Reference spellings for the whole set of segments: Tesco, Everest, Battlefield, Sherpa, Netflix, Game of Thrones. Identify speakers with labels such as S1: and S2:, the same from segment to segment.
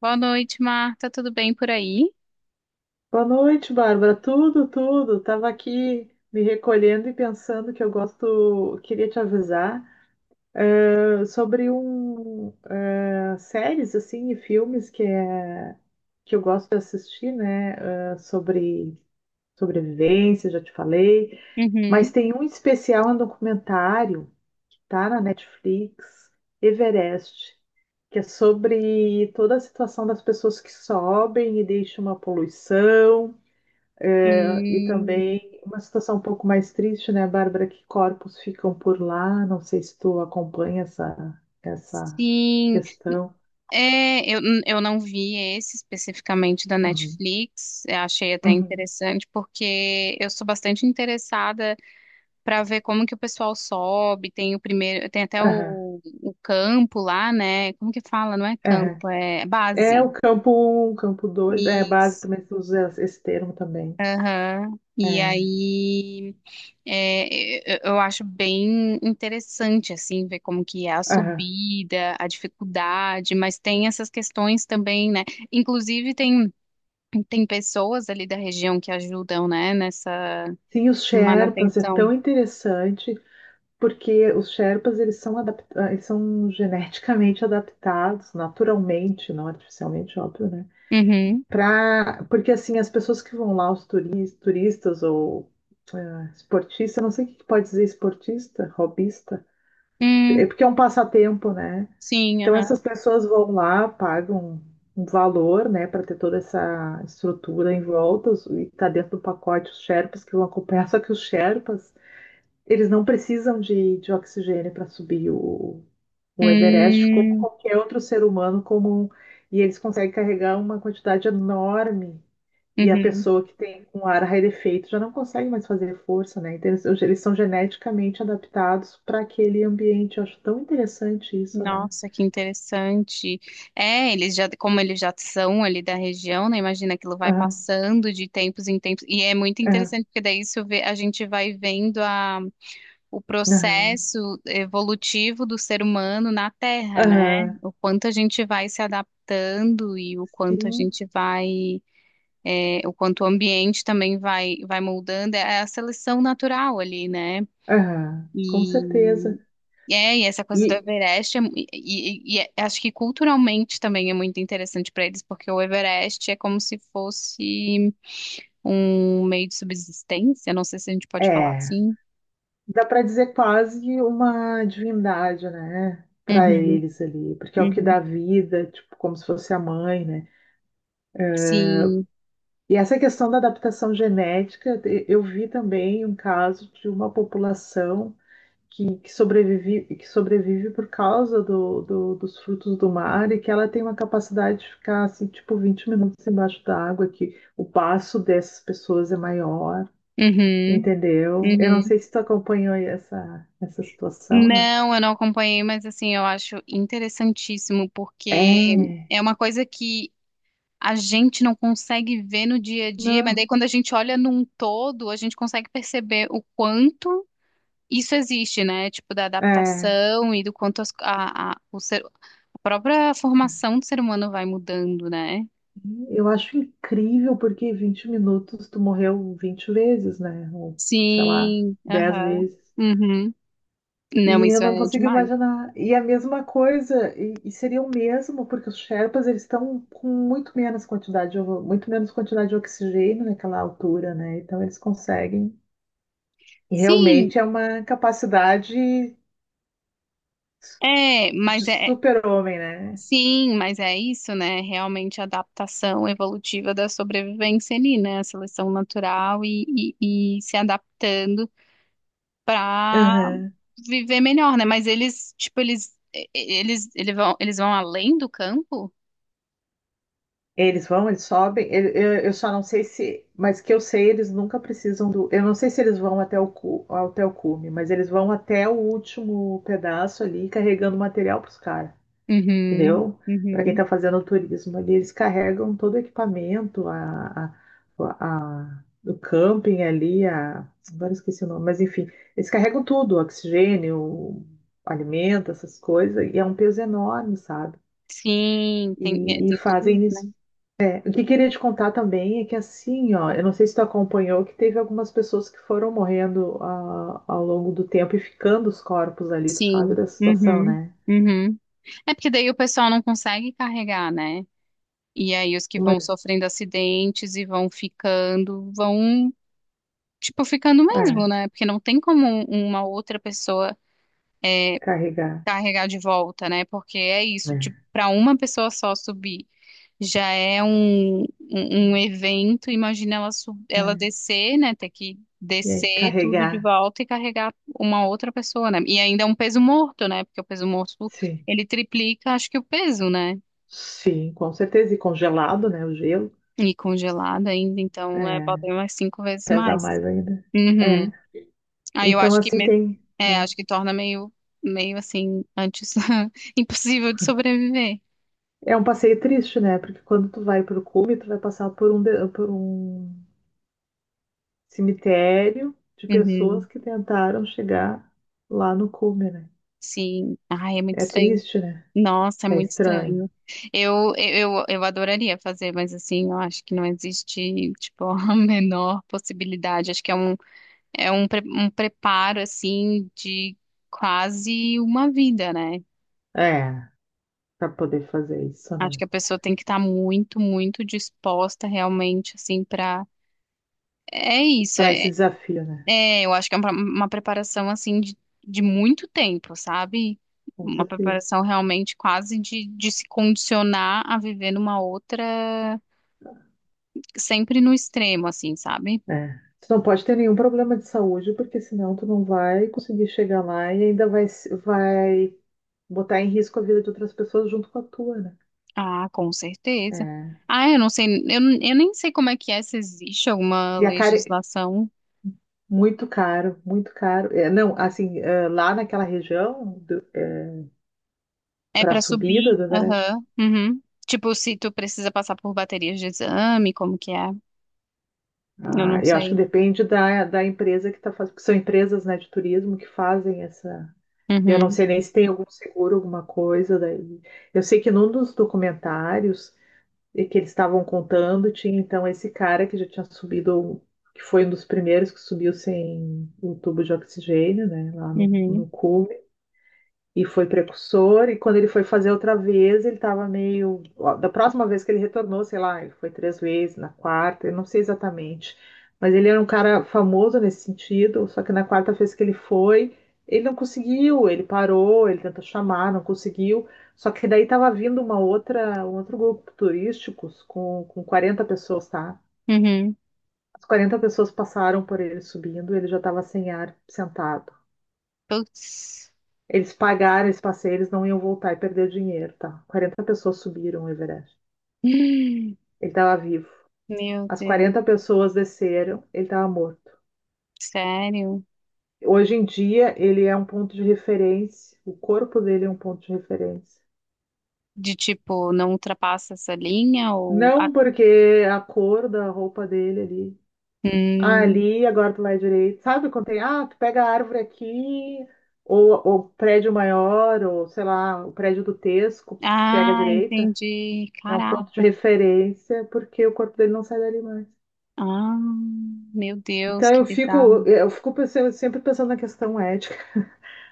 S1: Boa noite, Marta. Tudo bem por aí?
S2: Boa noite, Bárbara. Tudo, tudo. Tava aqui me recolhendo e pensando que eu gosto, queria te avisar sobre um séries assim e filmes que é que eu gosto de assistir, né? Sobre sobrevivência, já te falei. Mas
S1: Uhum.
S2: tem um especial, um documentário, tá na Netflix, Everest, que é sobre toda a situação das pessoas que sobem e deixam uma poluição. E
S1: Hum,
S2: também uma situação um pouco mais triste, né, Bárbara, que corpos ficam por lá. Não sei se tu acompanha essa
S1: sim.
S2: questão.
S1: É, eu não vi esse especificamente da
S2: Uhum.
S1: Netflix. Eu achei até
S2: Uhum.
S1: interessante, porque eu sou bastante interessada para ver como que o pessoal sobe. Tem o primeiro, tem até
S2: Aham,
S1: o campo lá, né? Como que fala? Não é
S2: aham.
S1: campo, é
S2: É
S1: base.
S2: o campo um, campo dois. É, base
S1: Isso.
S2: também se usa esse termo também.
S1: Aham. E
S2: É.
S1: aí. É, eu acho bem interessante, assim, ver como que é a
S2: Aham.
S1: subida, a dificuldade, mas tem essas questões também, né? Inclusive, tem pessoas ali da região que ajudam, né, nessa
S2: Sim, os Sherpas é
S1: manutenção.
S2: tão interessante porque os Sherpas eles são geneticamente adaptados, naturalmente, não artificialmente, óbvio, né?
S1: Uhum.
S2: Pra, porque assim, as pessoas que vão lá, os turistas ou esportista, não sei o que que pode dizer esportista, hobbyista,
S1: Hum,
S2: é porque é um passatempo, né?
S1: sim,
S2: Então
S1: aham.
S2: essas pessoas vão lá, pagam um valor, né, para ter toda essa estrutura em volta os- e tá dentro do pacote os Sherpas que vão acompanhar, só que os Sherpas eles não precisam de oxigênio para subir o Everest, como
S1: Hum,
S2: qualquer outro ser humano comum. E eles conseguem carregar uma quantidade enorme. E a
S1: uhum.
S2: pessoa que tem um ar rarefeito já não consegue mais fazer força, né? Então, eles são geneticamente adaptados para aquele ambiente. Eu acho tão interessante isso, né?
S1: Nossa, que interessante. É, eles já, como eles já são ali da região, né? Imagina aquilo vai
S2: Aham,
S1: passando de tempos em tempos. E é muito
S2: aham,
S1: interessante, porque daí isso a gente vai vendo o
S2: aham,
S1: processo evolutivo do ser humano na Terra, né?
S2: aham.
S1: O quanto a gente vai se adaptando e o quanto a
S2: Sim,
S1: gente vai, o quanto o ambiente também vai moldando. É a seleção natural ali, né?
S2: aham, com certeza.
S1: E e essa coisa do
S2: E
S1: Everest, acho que culturalmente também é muito interessante para eles, porque o Everest é como se fosse um meio de subsistência, não sei se a gente pode falar
S2: é.
S1: assim.
S2: Dá para dizer quase uma divindade, né? Para
S1: Uhum,
S2: eles ali, porque é o que
S1: uhum.
S2: dá vida, tipo, como se fosse a mãe, né?
S1: Sim,
S2: E essa questão da adaptação genética, eu vi também um caso de uma população que sobrevive por causa dos frutos do mar e que ela tem uma capacidade de ficar, assim, tipo, 20 minutos embaixo da água, que o passo dessas pessoas é maior,
S1: uhum,
S2: entendeu? Eu não
S1: uhum.
S2: sei se tu acompanhou aí essa situação.
S1: Não, eu não acompanhei, mas assim, eu acho interessantíssimo, porque
S2: É,
S1: é uma coisa que a gente não consegue ver no dia a dia, mas
S2: não,
S1: daí quando a gente olha num todo, a gente consegue perceber o quanto isso existe, né? Tipo, da
S2: é.
S1: adaptação e do quanto a própria formação do ser humano vai mudando, né?
S2: Eu acho incrível porque 20 minutos tu morreu 20 vezes, né? Ou, sei lá,
S1: Sim,
S2: 10
S1: aham.
S2: vezes.
S1: Uhum. Não,
S2: E eu
S1: isso
S2: não
S1: é
S2: consigo
S1: demais.
S2: imaginar. E a mesma coisa, e seria o mesmo, porque os Sherpas eles estão com muito menos quantidade de oxigênio naquela altura, né? Então eles conseguem. E
S1: Sim,
S2: realmente é uma capacidade
S1: é,
S2: de
S1: mas é.
S2: super-homem,
S1: Sim, mas é isso, né? Realmente a adaptação evolutiva da sobrevivência ali, né? A seleção natural e se adaptando para
S2: né?
S1: viver melhor, né? Mas eles, tipo, eles, e- eles, eles vão além do campo?
S2: Eles vão, eles sobem. Eu só não sei se, mas que eu sei, eles nunca precisam do. Eu não sei se eles vão até até o cume, mas eles vão até o último pedaço ali, carregando material para os caras,
S1: Uhum,
S2: entendeu? Para quem
S1: uhum.
S2: está fazendo turismo ali, eles carregam todo o equipamento, a, o camping ali, a, agora eu esqueci o nome, mas enfim, eles carregam tudo, oxigênio, alimento, essas coisas, e é um peso enorme, sabe?
S1: Sim, tem, é,
S2: E
S1: tem tudo isso,
S2: fazem
S1: né?
S2: isso. É, o que queria te contar também é que assim, ó, eu não sei se tu acompanhou que teve algumas pessoas que foram morrendo ao longo do tempo e ficando os corpos ali, tu sabe
S1: Sim.
S2: da situação,
S1: Uhum,
S2: né?
S1: uhum. É porque daí o pessoal não consegue carregar, né? E aí os que
S2: Uma,
S1: vão sofrendo acidentes e vão ficando, tipo, ficando mesmo,
S2: é,
S1: né? Porque não tem como uma outra pessoa.
S2: carregar,
S1: Carregar de volta, né? Porque é isso, tipo,
S2: né?
S1: para uma pessoa só subir já é um evento. Imagina ela, ela
S2: É,
S1: descer, né? Ter que
S2: e aí,
S1: descer tudo de
S2: carregar,
S1: volta e carregar uma outra pessoa, né? E ainda é um peso morto, né? Porque o peso morto
S2: sim.
S1: ele triplica, acho que o peso, né?
S2: Sim, com certeza. E congelado, né? O gelo.
S1: E congelado ainda, então bota
S2: É,
S1: aí umas cinco vezes
S2: pesa
S1: mais.
S2: mais ainda. É.
S1: Uhum. Aí eu
S2: Então,
S1: acho que
S2: assim, tem.
S1: acho que torna meio assim antes impossível de sobreviver.
S2: É, é um passeio triste, né? Porque quando tu vai pro cume, tu vai passar por por um cemitério de pessoas
S1: Uhum.
S2: que tentaram chegar lá no cume, né?
S1: Sim. Ai, é muito
S2: É
S1: estranho.
S2: triste, né?
S1: Nossa, é
S2: É
S1: muito
S2: estranho.
S1: estranho. Eu adoraria fazer, mas assim, eu acho que não existe, tipo, a menor possibilidade. Acho que é um preparo, assim, de quase uma vida, né?
S2: É, para poder fazer isso,
S1: Acho
S2: né?
S1: que a pessoa tem que estar muito, muito disposta realmente, assim, pra. É isso.
S2: Para esse
S1: é,
S2: desafio, né?
S1: É, eu acho que é uma preparação assim de muito tempo, sabe?
S2: Com
S1: Uma
S2: certeza.
S1: preparação realmente quase de se condicionar a viver numa outra, sempre no extremo, assim, sabe?
S2: É. Tu não pode ter nenhum problema de saúde, porque senão tu não vai conseguir chegar lá e ainda vai, vai botar em risco a vida de outras pessoas junto com a tua, né?
S1: Ah, com certeza.
S2: É.
S1: Ah, eu não sei, eu nem sei como é que é, se existe alguma
S2: E a cara,
S1: legislação.
S2: muito caro, muito caro. É, não, assim, é, lá naquela região, do,
S1: É
S2: para a
S1: para
S2: subida
S1: subir,
S2: do Everest.
S1: aham, uhum. Tipo, se tu precisa passar por baterias de exame, como que é? Eu
S2: Ah,
S1: não
S2: eu acho que
S1: sei.
S2: depende da empresa que está fazendo, porque são empresas, né, de turismo que fazem essa. E eu não
S1: Uhum,
S2: sei nem se tem algum seguro, alguma coisa daí. Eu sei que num dos documentários que eles estavam contando, tinha então esse cara que já tinha subido, que foi um dos primeiros que subiu sem o tubo de oxigênio, né, lá no,
S1: uhum,
S2: no E foi precursor. E quando ele foi fazer outra vez, ele estava meio. Ó, da próxima vez que ele retornou, sei lá, ele foi 3 vezes, na quarta, eu não sei exatamente. Mas ele era um cara famoso nesse sentido, só que na quarta vez que ele foi, ele não conseguiu, ele parou, ele tentou chamar, não conseguiu. Só que daí estava vindo uma outra, um outro grupo turístico com 40 pessoas, tá?
S1: uhum.
S2: As 40 pessoas passaram por ele subindo, ele já estava sem ar, sentado.
S1: Putz.
S2: Eles pagaram esse passeio, eles não iam voltar e perder o dinheiro, tá? 40 pessoas subiram o Everest. Ele estava vivo.
S1: Meu
S2: As
S1: Deus,
S2: 40 pessoas desceram, ele estava morto.
S1: sério?
S2: Hoje em dia, ele é um ponto de referência, o corpo dele é um ponto de referência.
S1: De tipo, não ultrapassa essa linha ou. Ah,
S2: Não, porque a cor da roupa dele ali. Ah,
S1: hum.
S2: ali, agora do lado direito. Sabe quando tem, tu pega a árvore aqui, ou o prédio maior, ou sei lá, o prédio do Tesco, pega a
S1: Ah,
S2: direita.
S1: entendi.
S2: É um ponto de
S1: Caraca.
S2: referência porque o corpo dele não sai dali mais.
S1: Ah, meu Deus,
S2: Então
S1: que bizarro.
S2: sempre pensando na questão ética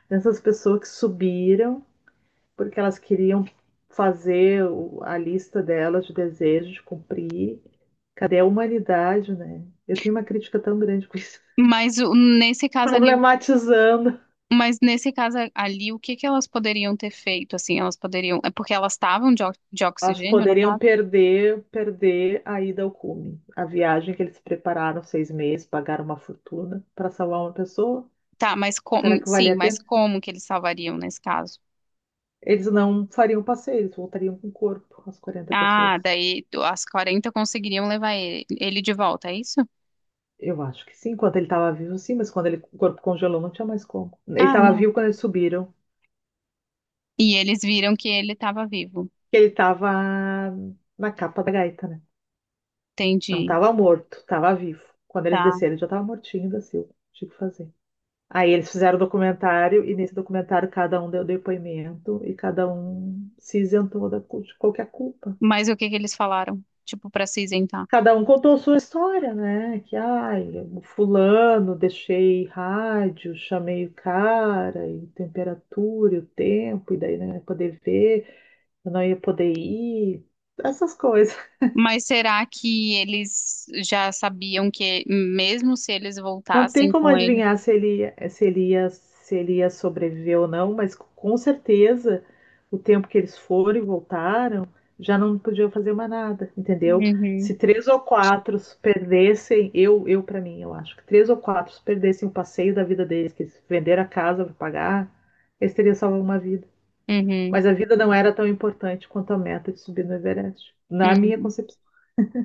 S2: dessas pessoas que subiram porque elas queriam a lista delas de desejos de cumprir. Cadê a humanidade, né? Eu tenho uma crítica tão grande com isso.
S1: Mas o- nesse caso ali, o-
S2: Problematizando.
S1: mas nesse caso ali, o que que elas poderiam ter feito? Assim, elas poderiam. É porque elas estavam de
S2: Elas
S1: oxigênio, no
S2: poderiam
S1: caso?
S2: perder a ida ao cume. A viagem que eles prepararam 6 meses, pagaram uma fortuna para salvar uma pessoa.
S1: Tá, mas
S2: Será
S1: como.
S2: que valia
S1: Sim,
S2: a
S1: mas
S2: pena?
S1: como que eles salvariam nesse caso?
S2: Eles não fariam passeio, eles voltariam com o corpo, as 40 pessoas.
S1: Ah, daí as 40 conseguiriam levar ele de volta, é isso?
S2: Eu acho que sim, enquanto ele estava vivo, sim, mas quando ele, o corpo congelou, não tinha mais como. Ele
S1: Ah,
S2: estava
S1: não.
S2: vivo quando eles subiram,
S1: E eles viram que ele estava vivo.
S2: que ele estava na capa da gaita, né? Não
S1: Entendi,
S2: estava morto, estava vivo. Quando eles
S1: tá.
S2: desceram, ele já estava mortinho da Silva. Tinha que fazer. Aí eles fizeram o documentário, e nesse documentário cada um deu depoimento, e cada um se isentou de qualquer culpa.
S1: Mas o que que eles falaram? Tipo, para se isentar.
S2: Cada um contou sua história, né? Que, ai, o fulano, deixei rádio, chamei o cara, e temperatura, e o tempo, e daí não ia poder ver, eu não ia poder ir, essas coisas.
S1: Mas será que eles já sabiam que, mesmo se eles
S2: Não tem
S1: voltassem
S2: como
S1: com ele?
S2: adivinhar se ele ia sobreviver ou não, mas com certeza o tempo que eles foram e voltaram, já não podiam fazer mais nada, entendeu? Se
S1: Uhum,
S2: três ou quatro perdessem, eu para mim, eu acho que três ou quatro perdessem o passeio da vida deles, que eles venderam a casa para pagar, eles teriam salvo uma vida.
S1: uhum,
S2: Mas a vida não era tão importante quanto a meta de subir no Everest, na minha
S1: uhum.
S2: concepção.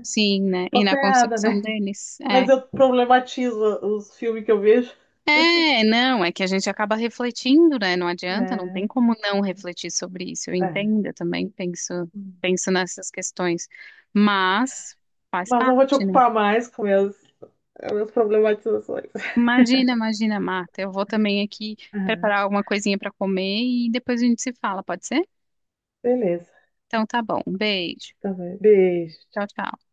S1: Sim, né? E
S2: Posso
S1: na
S2: estar errada,
S1: concepção
S2: né?
S1: deles, é.
S2: Mas eu problematizo os filmes que eu vejo.
S1: É, não, é que a gente acaba refletindo, né? Não adianta, não tem
S2: É.
S1: como não refletir sobre isso. Eu
S2: É.
S1: entendo, eu também penso,
S2: Hum.
S1: penso nessas questões. Mas faz
S2: Mas não vou te
S1: parte, né?
S2: ocupar mais com as minhas problematizações.
S1: Imagina, imagina, Marta. Eu vou também aqui
S2: Aham.
S1: preparar alguma coisinha para comer e depois a gente se fala, pode ser?
S2: Beleza.
S1: Então tá bom. Um beijo.
S2: Tá bem. Beijo.
S1: Tchau, tchau.